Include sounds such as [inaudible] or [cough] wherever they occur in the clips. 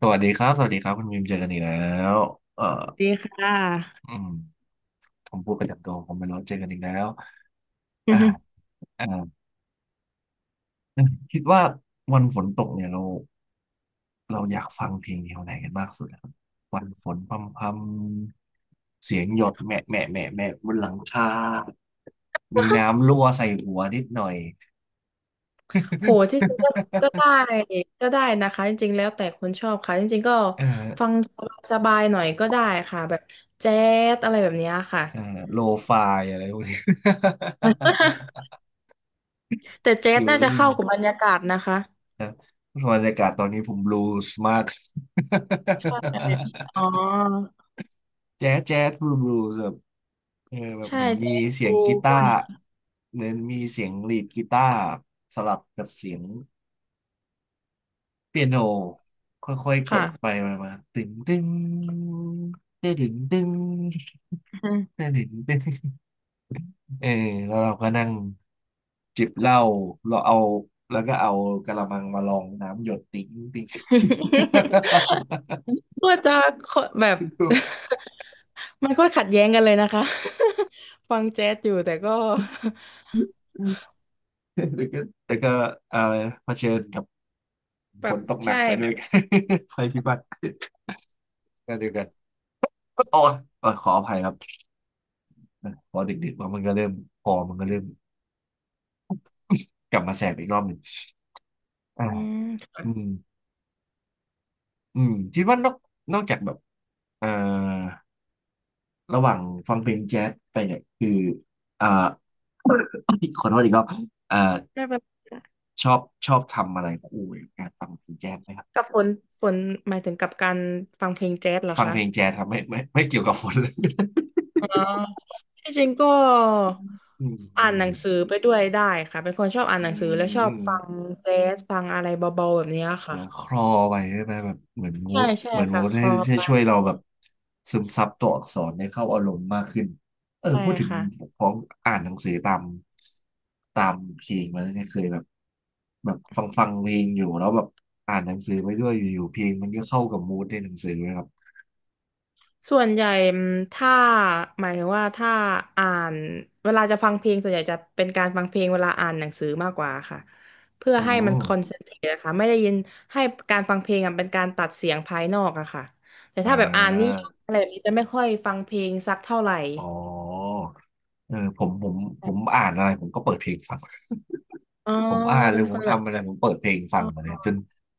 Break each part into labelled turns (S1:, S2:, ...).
S1: สวัสดีครับสวัสดีครับคุณมิมเจอกันอีกแล้วเอ่อ
S2: ดีค่ะ
S1: อืมผมพูดประจำตัวผมไม่รู้เจอกันอีกแล้วอ่า
S2: [laughs]
S1: อ่าคิดว่าวันฝนตกเนี่ยเราอยากฟังเพลงแนวไหนกันมากสุดครับวันฝนพรำๆเสียงหยดแหม่แหม่แหม่แหม่บนหลังคามีน้ำรั่วใส่หัวนิดหน่อย
S2: โหจริงๆก็
S1: [laughs]
S2: ก็ได้ ก็ได้นะคะ จริงๆ แล้วแต่คนชอบค่ะ จริงๆ ก็
S1: เอ่
S2: ฟั
S1: อ
S2: งสบายๆหน่อยก็ได้ค่ะ แบบแจ๊สอะไรแบบเนี้ยค่ะ
S1: เอ่อโลฟายอะไรพวกนี้
S2: [laughs] แต่
S1: [laughs]
S2: แจ๊ส
S1: ฟิล
S2: น่าจะ
S1: ลิ่ง
S2: เข้ากับบรรยากาศนะคะ
S1: นะบรรยากาศตอนนี้ผมบลูส์มาก
S2: เอออ๋อ
S1: แจ๊สแจ๊สบลูบลูแบบเออแบบ
S2: ใช่
S1: เหมือนมี
S2: แจ๊ส
S1: เสีย
S2: ดู
S1: งกี
S2: พ
S1: ตา
S2: วก
S1: ร์
S2: นี้
S1: เหมือนมีเสียงลีดกีตาร์สลับกับเสียงเปียโนค่อยๆก
S2: ค่ะ
S1: ดไปมามาตึงตึงเต้ดึงตึง
S2: [laughs] อืม
S1: เต้ดึงตึงเออแล้วเราก็นั่งจิบเหล้าเราเอาแล้วก็เอากะละมังมาลองน้ำหยดติ๊งติ๊ง [laughs]
S2: [laughs] ก็จะแบบ
S1: ดู
S2: [laughs] มันก็ขัดแย้งกันเลยนะคะ [laughs] ฟังแจ๊สอยู่แต่ก็
S1: แต่ก็แต่ก็อะไรเผชิญกับ
S2: [laughs] แบ
S1: ฝ
S2: บ
S1: นตกหนั
S2: ใช่
S1: กไป
S2: แบ
S1: ด้วย
S2: บ
S1: กัน [laughs] ไัพิบัติก็เดียวกันโอ้ยเออขออภัยครับ พอดึกๆมามันก็เริ่มพอมันก็เริ่มกลับมาแสบอีกรอบหนึ่งอ่า
S2: อืม
S1: อืมคิดว่านอกจากแบบเอ่อระหว่างฟังเพลงแจ๊สไปเนี่ยคืออ่า [coughs] ขอโทษอีกรอบเอ่อ
S2: ได้แบบ
S1: ชอบชอบทำอะไรคู่กับการฟังเพลงแจ๊สไหมครับ
S2: กับฝนฝนหมายถึงกับการฟังเพลงแจ๊สเหรอ
S1: ฟัง
S2: คะ
S1: เพลงแจ๊สทำไม่เกี่ยวกับฝนเลย
S2: อ๋อที่จริงก็
S1: [laughs] อืมอื
S2: อ่านห
S1: ม
S2: นังสือไปด้วยได้ค่ะเป็นคนชอบอ่าน
S1: อื
S2: หนังสือและชอบฟัง
S1: ม
S2: แจ๊สฟังอะไรเบาๆแบบเนี้ย
S1: เห
S2: ค่ะ
S1: มือนคลอไปใช่ไหมแบบเหมือนมู
S2: ใช่
S1: ด
S2: ใช่
S1: เหมือนมู
S2: ค่ะ
S1: ด
S2: ค
S1: ให้
S2: ลอ
S1: ให้
S2: ไป
S1: ช่วยเราแบบซึมซับตัวอักษรให้เข้าอารมณ์มากขึ้นเออ
S2: ใช่
S1: พูดถึง
S2: ค่ะ
S1: ของอ่านหนังสือตามเพลงมาแล้วเนี่ยเคยแบบแบบฟังเพลงอยู่แล้วแบบอ่านหนังสือไปด้วยอยู่ๆเพลงมันก็เข้ากับมูดในหนังสือเลยครับ
S2: ส่วนใหญ่อืมถ้าหมายถึงว่าถ้าอ่านเวลาจะฟังเพลงส่วนใหญ่จะเป็นการฟังเพลงเวลาอ่านหนังสือมากกว่าค่ะเพื่อ
S1: อื
S2: ให้มัน
S1: ม
S2: คอนเซนเทรตนะคะไม่ได้ยินให้การฟังเพลงอะเป็นการตัดเสียงภายนอกอะค่ะแต่
S1: อ่
S2: ถ้าแบบอ่านนิ
S1: า
S2: ยายอะไรแบบนี้จะไม่ค่อยฟังเพลงสักเท่าไหร่
S1: อ๋อเออผมอ่านอะไรผมก็เปิดเพลงฟัง
S2: อ๋อ
S1: ผมอ่านห
S2: เป็
S1: รือ
S2: น
S1: ผ
S2: ค
S1: ม
S2: นแบบ
S1: ทำอะไรผมเปิดเพลงฟั
S2: อ๋
S1: งมาเล
S2: อ
S1: ยจน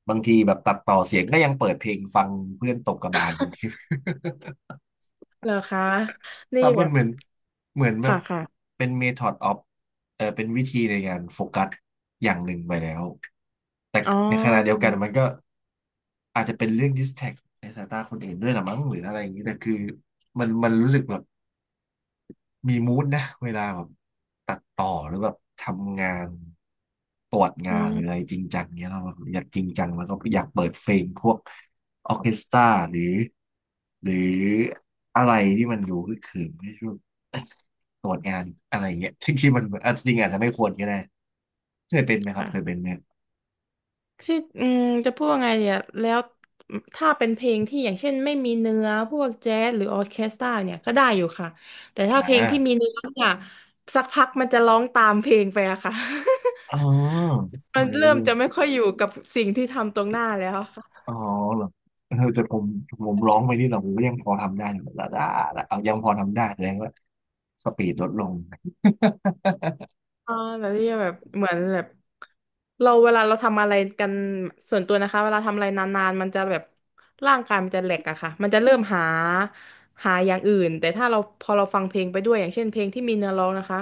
S1: บางทีแบบตัดต่อเสียงก็ยังเปิดเพลงฟังเพื่อนตกกระบาลบางที
S2: เหรอคะ
S1: [laughs]
S2: นี่
S1: แต่
S2: แบ
S1: มัน
S2: บ
S1: เหมือนเหมือนแบ
S2: ค่ะ
S1: บ
S2: ค่ะ
S1: เป็น method of เออเป็นวิธีในการโฟกัสอย่างหนึ่งไปแล้วแต่
S2: อ๋
S1: ในขณะเดียว
S2: อ
S1: กันมันก็อาจจะเป็นเรื่อง distract ในสายตาคนอื่นด้วยละมั้งหรืออะไรอย่างนี้แต่คือมันรู้สึกแบบ มีมูดนะเวลาแบบตัดต่อหรือแบบทำงานตรวจ
S2: อื
S1: งานหรืออะไร
S2: ม
S1: จริงจังเนี้ยเราอยากจริงจังแล้วก็อยากเปิดเพลงพวกออร์เคสตราหรือหรืออะไรที่มันดูคึกคืนไม่ใช่วตรวจงานอะไรเงี้ยที่มันอ่ะจริงอาจจะไม่ควรก็ได้เคยเป็นไหมครับ
S2: ค่ะ
S1: เคยเป็นไหม
S2: ที่อืมจะพูดว่าไงเนี่ยแล้วถ้าเป็นเพลงที่อย่างเช่นไม่มีเนื้อพวกแจ๊สหรือออร์เคสตราเนี่ยก็ได้อยู่ค่ะแต่ถ้า
S1: อ่
S2: เพลงที่มี
S1: า
S2: เนื้อเนี่ยสักพักมันจะร้องตามเพลงไปอะค่ะ
S1: อ๋อ
S2: [laughs] มันเริ่มจะไม่ค่อยอยู่กับสิ่งที่ทำตรงหน้าแล้ว
S1: อ๋อเหรอเออแต่ผมผมร้องไปนี่เราผมก็ยังพอทำได้อยู่ละเอายังพอทำได้แสดงว่าสปีดลดลง
S2: อ่าแบบที่แบบเหมือนแบบเราเวลาเราทำอะไรกันส่วนตัวนะคะเวลาทำอะไรนานๆมันจะแบบร่างกายมันจะแหลกอะค่ะมันจะเริ่มหาหาอย่างอื่นแต่ถ้าเราพอเราฟังเพลงไปด้วยอย่างเช่นเพลงที่มีเนื้อร้องนะคะ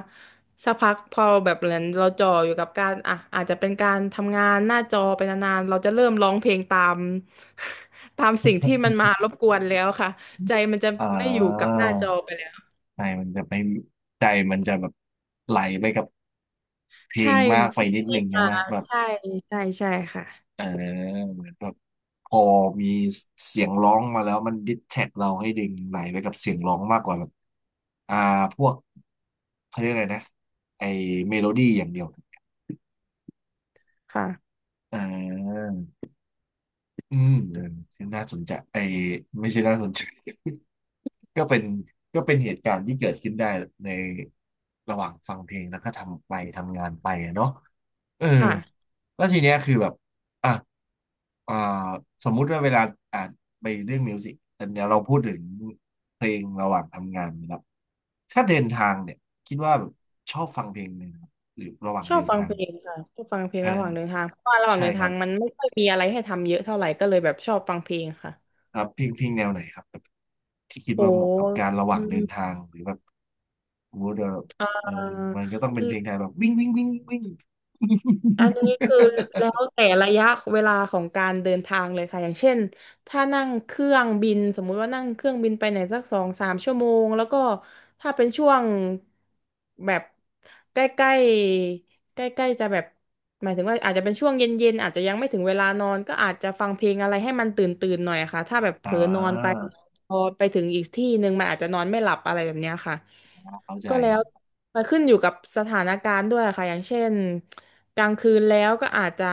S2: สักพักพอแบบเหมือนเราจ่ออยู่กับการอ่ะอาจจะเป็นการทำงานหน้าจอไปนานๆเราจะเริ่มร้องเพลงตาม [laughs] ตามสิ่งที่มันมารบกวนแล้วค่ะใจมันจะ
S1: [laughs] อ่
S2: ไม่อยู่กับ
S1: า
S2: หน้าจอไปแล้ว
S1: ใจมันจะไปใจมันจะแบบไหลไปกับเพล
S2: ใช่
S1: งมากไป
S2: สิ่ง
S1: นิด
S2: ที่
S1: นึงใช่
S2: มา
S1: ไหมแบบ
S2: ใช่ใช่ใช่ค่ะ
S1: เออเหมือนแบบพอมีเสียงร้องมาแล้วมันดิสแท็กเราให้ดึงไหลไปกับเสียงร้องมากกว่าแบบอ่าพวกเขาเรียกอะไรนะไอเมโลดี้อย่างเดียว
S2: ค่ะ
S1: อ่า อืมเออน่าสนใจไอ้ไม่ใช่น่าสนใจ [laughs] ก็เป็นก็เป็นเหตุการณ์ที่เกิดขึ้นได้ในระหว่างฟังเพลงแล้วก็ทำไปทำงานไปอะเนาะเออ
S2: ค่ะ
S1: แล้วทีเนี้ยคือแบบอ่ะอ่าสมมุติว่าเวลาอ่านไปเรื่องมิวสิกแต่เนี้ยเราพูดถึงเพลงระหว่างทำงานนะครับถ้าเดินทางเนี่ยคิดว่าแบบชอบฟังเพลงไหมครับหรือระหว่าง
S2: ชอ
S1: เดิ
S2: บ
S1: น
S2: ฟัง
S1: ทา
S2: เพ
S1: ง
S2: ลงค่ะ ชอบฟังเพลง
S1: เออ
S2: ระหว่างเดินทาง เพราะว่าระหว่าง
S1: ใช่
S2: เดิน
S1: ค
S2: ทา
S1: รั
S2: ง
S1: บ
S2: มันไม่ค่อยมีอะไรให้ทำเยอะเท่าไหร่ก็เลยแบบชอบฟังเพลงค่ะ
S1: ครับเพลงแนวไหนครับ ที่คิด
S2: โห
S1: ว่าเหมาะกับการระห
S2: อื
S1: ว่างเดิน
S2: ม
S1: ทางหรือแบบมมดยว่า
S2: เอ่
S1: เออมันก็ต้องเป็นเพลงไทย
S2: อ
S1: แบบวิ่งวิ่งวิ่งวิ่ง
S2: อันนี้คือแล้วแต่ระยะเวลาของการเดินทางเลยค่ะอย่างเช่นถ้านั่งเครื่องบินสมมุติว่านั่งเครื่องบินไปไหนสัก2-3 ชั่วโมงแล้วก็ถ้าเป็นช่วงแบบใกล้ๆใกล้ๆจะแบบหมายถึงว่าอาจจะเป็นช่วงเย็นๆอาจจะยังไม่ถึงเวลานอนก็อาจจะฟังเพลงอะไรให้มันตื่นตื่นหน่อยอะค่ะถ้าแบบ
S1: [laughs]
S2: เผ
S1: อ่
S2: ลอนอนไป
S1: า
S2: พอไปถึงอีกที่หนึ่งมันอาจจะนอนไม่หลับอะไรแบบเนี้ยค่ะ
S1: เข้าใจ
S2: ก็แล้วมันขึ้นอยู่กับสถานการณ์ด้วยค่ะอย่างเช่นกลางคืนแล้วก็อาจจะ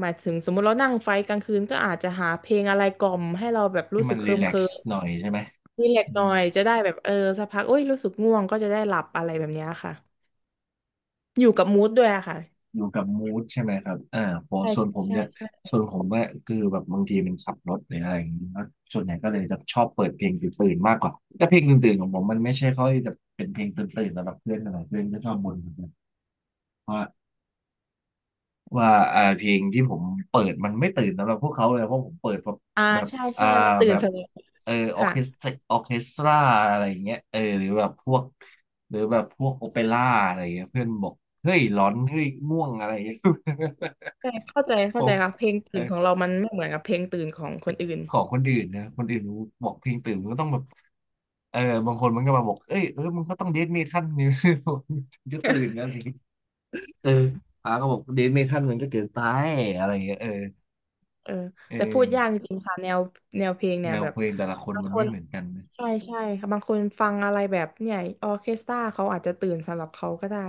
S2: หมายถึงสมมติเรานั่งไฟกลางคืนก็อาจจะหาเพลงอะไรกล่อมให้เราแบบ
S1: ที่
S2: รู้สึ
S1: มัน
S2: กเค
S1: รี
S2: ลิม
S1: แล
S2: เค
S1: ก
S2: ลิ
S1: ซ์
S2: ม
S1: หน่อยใช่ไหม
S2: รีแลก
S1: อื
S2: ซ์หน่อ
S1: ม
S2: ยจะได้แบบเออสักพักโอ้ยรู้สึกง่วงก็จะได้หลับอะไรแบบเนี้ยค่ะอยู่กับมูดด้วยอะค่ะ
S1: อยู่กับมูดใช่ไหมครับผม
S2: ใช่
S1: ส่วน
S2: ใช่
S1: ผม
S2: ใช่
S1: เนี่ย
S2: ใช่
S1: ส่วนผมว่าคือแบบบางทีมันขับรถหรืออะไรอย่างนี้แล้วส่วนใหญ่ก็เลยจะชอบเปิดเพลงตื่นๆมากกว่าแต่เพลงตื่นๆของผมมันไม่ใช่ค่อยจะเป็นเพลงตื่นๆสำหรับเพื่อนอะไรเพื่อนก็ชอบบ่นเหมือนกันว่า ว่าเพลงที่ผมเปิดมันไม่ตื่นสำหรับพวกเขาเลยเพราะผมเปิดแบบ
S2: อ่า
S1: แบบ
S2: ใช่
S1: อ่า
S2: ใช่มันตื่
S1: แบ
S2: น
S1: บ
S2: สนุก
S1: เออออ
S2: ค่ะ
S1: เคสตราออเคสตราอะไรอย่างเงี้ยเออหรือแบบพวกหรือแบบพวกโอเปร่าอะไรอย่างเงี้ยเพื่อนบอกเฮ้ยร้อนเฮ้ยม่วงอะไรอย่างเงี้ย
S2: ใช่เข้าใจ
S1: [laughs] ผ
S2: เข้าใจ
S1: ม
S2: ค่ะเพลง
S1: เอ
S2: ตื่นของ
S1: อ
S2: เรามันไม่เหมือนกับเพลงตื่นของคนอื่น
S1: ของคนอื่นนะคนอื่นบอกเพลงตื่นมันก็ต้องแบบเออบางคนมันก็มาบอกเอ้ยเออมันก็ต้องเดทเมทัลนี่ [laughs] มัก็ตื่นแล้วนี่เอออาก็บอกเดทเมทัลมันก็เกินไปอะไรอย่างเงี้ยเออ
S2: เออ
S1: เออ
S2: แต่พูดยากจริงๆค่ะแนวแนวเพลง
S1: แน
S2: เนี่ย
S1: ว
S2: แบ
S1: เพ
S2: บ
S1: ลงแต่ละคน
S2: บาง
S1: มัน
S2: ค
S1: ไม่
S2: น
S1: เหมือนกันนะ
S2: ใช่ใช่ค่ะบางคนฟังอะไรแบบเนี่ยออร์เคสตราเขาอาจจะตื่นสำหรับเขาก็ได้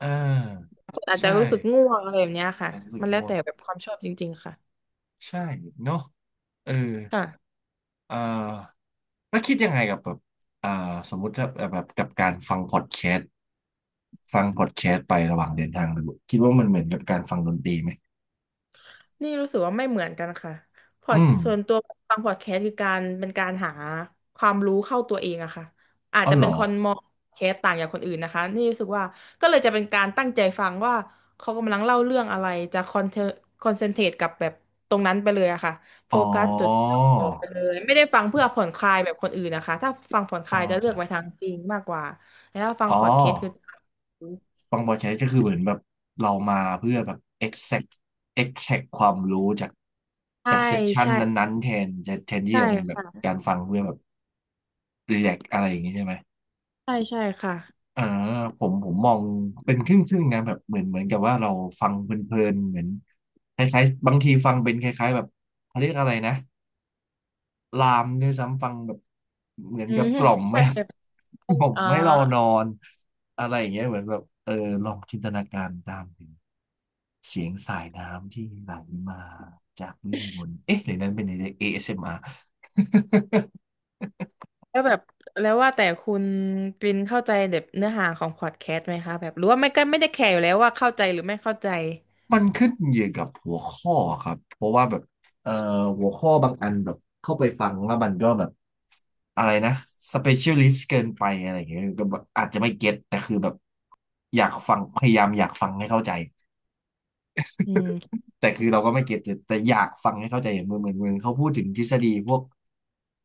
S1: อ่า
S2: คนอาจจะ
S1: ใช่
S2: รู้สึกง่วงอะไรแบบเนี้ยค่ะ
S1: รู้สึก
S2: มันแล้วแต่
S1: ว่า
S2: แบบความชอบจริงๆค่ะ
S1: ใช่เนาะเออ
S2: ค่ะ
S1: เอ่อแล้วคิดยังไงกับแบบอ่าสมมุติถ้าแบบกับการฟังพอดแคสต์ฟังพอดแคสต์ไประหว่างเดินทางไปบุคิดว่ามันเหมือนกับการฟังดนตรีไหม
S2: นี่รู้สึกว่าไม่เหมือนกันค่ะพอด
S1: อืม
S2: ส่วนตัวฟังพอดแคสต์คือการเป็นการหาความรู้เข้าตัวเองอะค่ะอาจ
S1: อ๋อ
S2: จะ
S1: เหร
S2: เป็น
S1: อ
S2: คนมองพอดแคสต์ต่างจากคนอื่นนะคะนี่รู้สึกว่าก็เลยจะเป็นการตั้งใจฟังว่าเขากำลังเล่าเรื่องอะไรจะคอนเทคอนเซนเทรตกับแบบตรงนั้นไปเลยอะค่ะโฟ
S1: อ๋อ
S2: กัสจดจ่ไปเลยไม่ได้ฟังเพื่อผ่อนคลายแบบคนอื่นนะคะถ้าฟังผ่อนค
S1: อ๋อ
S2: ลายจะเลือ
S1: จ้ะ
S2: กไปทางจริงมากกว่าแล้วถ้าฟัง
S1: อ๋อ
S2: พอดแคสต์คือจะ
S1: ฟังพอดแคสต์ก็คือเหมือนแบบเรามาเพื่อแบบ exact exact ความรู้จาก
S2: ใช่
S1: จากเซสชัน
S2: ใช่
S1: นั้นๆแทนจะแทนที่
S2: ใช่
S1: จะเป็นแบบ
S2: ค่ะ
S1: การฟังเพื่อแบบรี l a กอะไรอย่างงี้ใช่ไหม
S2: ใช่ใช่ค่ะ
S1: อ่าผมมองเป็นครึ่งๆนะแบบเหมือนกับว่าเราฟังเพลินๆเหมือนคล้ายๆบางทีฟังเป็นคล้ายๆแบบเขาเรียกอะไรนะ ลามด้วยซ้ำฟังแบบเหมือน
S2: อื
S1: กับ
S2: ม
S1: กล่อม
S2: ใช่
S1: ไม่ [laughs] กล่อม
S2: อ่
S1: ไม่เราน
S2: า
S1: อนอะไรอย่างเงี้ยเหมือนแบบเออลองจินตนาการตามถึงเสียงสายน้ำที่ไหลมาจากเรื่องบนเอ๊ะหรือนั้นเป็นใน ASMR มอาร์
S2: แล้วแบบแล้วว่าแต่คุณกรินเข้าใจแบบเนื้อหาของพอดแคสต์ไหมคะแบบหรือว่าไม่ก็ไม่ได้แคร์อยู่แล้วว่าเข้าใจหรือไม่เข้าใจ
S1: [laughs] มันขึ้นอยู่กับหัวข้อครับเพราะว่าแบบเอ่อหัวข้อบางอันแบบเข้าไปฟังแล้วมันก็แบบอะไรนะสเปเชียลิสต์เกินไปอะไรอย่างเงี้ยก็แบบอาจจะไม่เก็ตแต่คือแบบอยากฟังพยายามอยากฟังให้เข้าใจ
S2: อืม
S1: แต่คือเราก็ไม่เก็ตแต่อยากฟังให้เข้าใจอย่างเหมือนเขาพูดถึงทฤษฎีพวก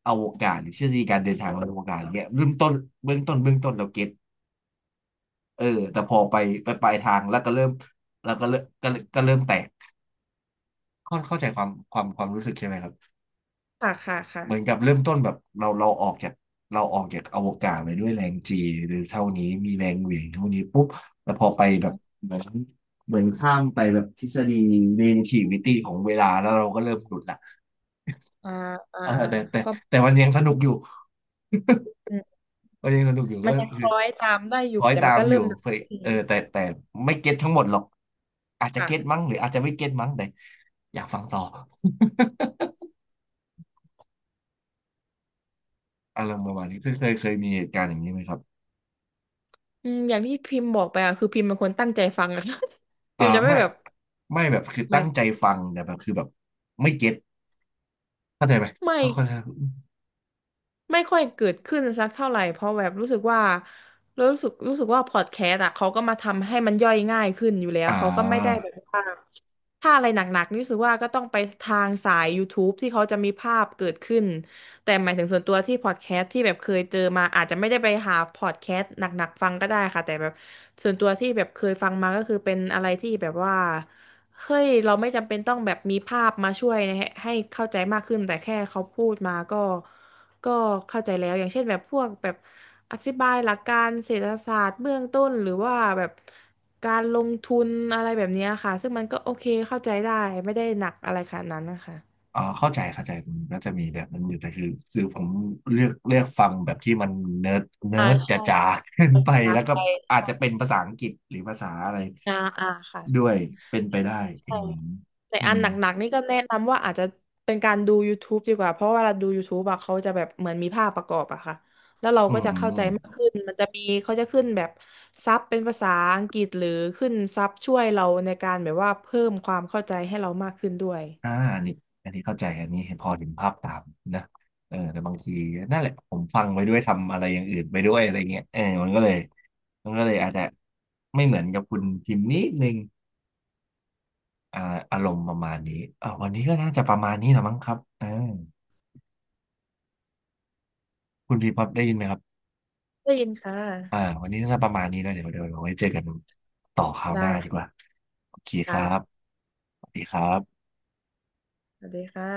S1: อวกาศหรือทฤษฎีการเดินทางบนอวกาศอย่างเงี้ยเริ่มต้นเบื้องต้นเราเก็ตเออแต่พอไปไปปลายทางแล้วก็เริ่มแล้วก็เริ่มแตกเข้าเข้าใจความความรู้สึกใช่ไหมครับ
S2: ค่ะค่ะ
S1: เหมือนกั
S2: ค่ะ
S1: บเริ่มต้นแบบเราออกจากเราออกจากอวกาศไปด้วยแรงจีหรือเท่านี้มีแรงเหวี่ยงเท่านี้ปุ๊บแต่พอไปแบบเหมือนเหมือนข้ามไปแบบทฤษฎี relativity ของเวลาแล้วเราก็เริ่มหลุดละ
S2: อ่าอ่า
S1: เออ
S2: อ่า
S1: แต่
S2: เพราะ
S1: แต่มันยังสนุกอยู่
S2: อืม
S1: มันยังสนุกอยู่ก็
S2: มันยังค
S1: คือ
S2: ล้อยตามได้อ
S1: ค
S2: ยู่
S1: อย
S2: แต่
S1: ตา
S2: มัน
S1: ม
S2: ก็
S1: อ
S2: เริ่
S1: ยู่
S2: มดัง
S1: เพื่อ
S2: ขึ้น
S1: เออแต่ไม่เก็ตทั้งหมดหรอกอาจจะเก็ต
S2: ค่ะ
S1: มั้งหรืออาจจะไม่เก็ตมั้งแต่อยากฟังต่อ [laughs] อารมณ์ประมาณนี้เคยมีเหตุการณ์อย่างนี้ไหมครับ
S2: อืมอย่างที่พิมพ์บอกไปอะคือพิมพ์เป็นคนตั้งใจฟังอะ [laughs] ค่ะ [laughs] พิ
S1: อ่า
S2: มพ์จะไม่
S1: ไม่
S2: แบบ
S1: ไม่แบบคือ
S2: ไม่
S1: ตั้งใจฟังแต่แบบคือแบบไม่เก็ตเข้าใจไหม
S2: ไม่
S1: เข้าใจ
S2: ไม่ค่อยเกิดขึ้นสักเท่าไหร่เพราะแบบรู้สึกว่ารู้สึกว่าพอดแคสต์อ่ะเขาก็มาทำให้มันย่อยง่ายขึ้นอยู่แล้ว
S1: อ่
S2: เขาก็ไม่ได้แบ
S1: า
S2: บว่าถ้าอะไรหนักๆนี่รู้สึกว่าก็ต้องไปทางสายย o u t u b e ที่เขาจะมีภาพเกิดขึ้นแต่หมายถึงส่วนตัวที่พอดแคสต์ที่แบบเคยเจอมาอาจจะไม่ได้ไปหาพอดแคสต์หนักๆฟังก็ได้ค่ะแต่แบบส่วนตัวที่แบบเคยฟังมาก็คือเป็นอะไรที่แบบว่าเฮ้ยเราไม่จำเป็นต้องแบบมีภาพมาช่วยให้ให้เข้าใจมากขึ้นแต่แค่เขาพูดมาก็ ก็เข้าใจแล้วอย่างเช่นแบบพวกแบบอธิบายหลักการเศรษฐศาสตร์เบื้องต้นหรือว่าแบบการลงทุนอะไรแบบเนี้ยค่ะซึ่งมันก็โอเคเข้าใจได้ไม่ได้หนักอะไรขนาดนั้นนะคะ
S1: อ่าเข้าใจเข้าใจมันก็จะมีแบบนั้นอยู่แต่คือคือผมเลือกฟังแบบที่มันเนิร์ดเนิ
S2: อ่า
S1: ร์ดจ
S2: ใช่
S1: ๋าๆขึ้น
S2: ภา
S1: ไป
S2: ษา
S1: แล้ว
S2: ไท
S1: ก็
S2: ย
S1: อาจจะเป็นภาษาอังกฤษหรือภาษาอะไร
S2: อ่าอ่าค่
S1: ด้วยเป็นไปได้อื
S2: ะ
S1: ม
S2: แต่
S1: อื
S2: อัน
S1: ม
S2: หนักๆนี่ก็แนะนำว่าอาจจะเป็นการดู YouTube ดีกว่าเพราะว่าเวลาดู YouTube อะเขาจะแบบเหมือนมีภาพประกอบอะค่ะแล้วเรา
S1: อื
S2: ก็
S1: ม
S2: จะเข้า
S1: อ
S2: ใจ
S1: ม
S2: มากขึ้นมันจะมีเขาจะขึ้นแบบซับเป็นภาษาอังกฤษหรือขึ้นซับช่วยเราในการแบบว่าเพิ่มความเข้าใจให้เรามากขึ้นด้วย
S1: อ่าอันนี้อันนี้เข้าใจอันนี้พอเห็นภาพตามนะเออแต่บางทีนั่นแหละผมฟังไปด้วยทำอะไรอย่างอื่นไปด้วยอะไรเงี้ยเออมันก็เลยมันก็เลยอาจจะไม่เหมือนกับคุณพิมพ์นิดนึงอ่าอารมณ์ประมาณนี้อ่าวันนี้ก็น่าจะประมาณนี้แหละมั้งครับเอ่า คุณพีพอได้ยินไหมครับ
S2: ได้ยินค่ะ
S1: อ่าวันนี้น่าจะประมาณนี้นะเดี๋ยวไว้เจอกันต่อคราวห
S2: ได้
S1: น้าดีกว่าโอเคครับ
S2: ค่ะ
S1: สวัสดีครับ
S2: สวัสดีค่ะ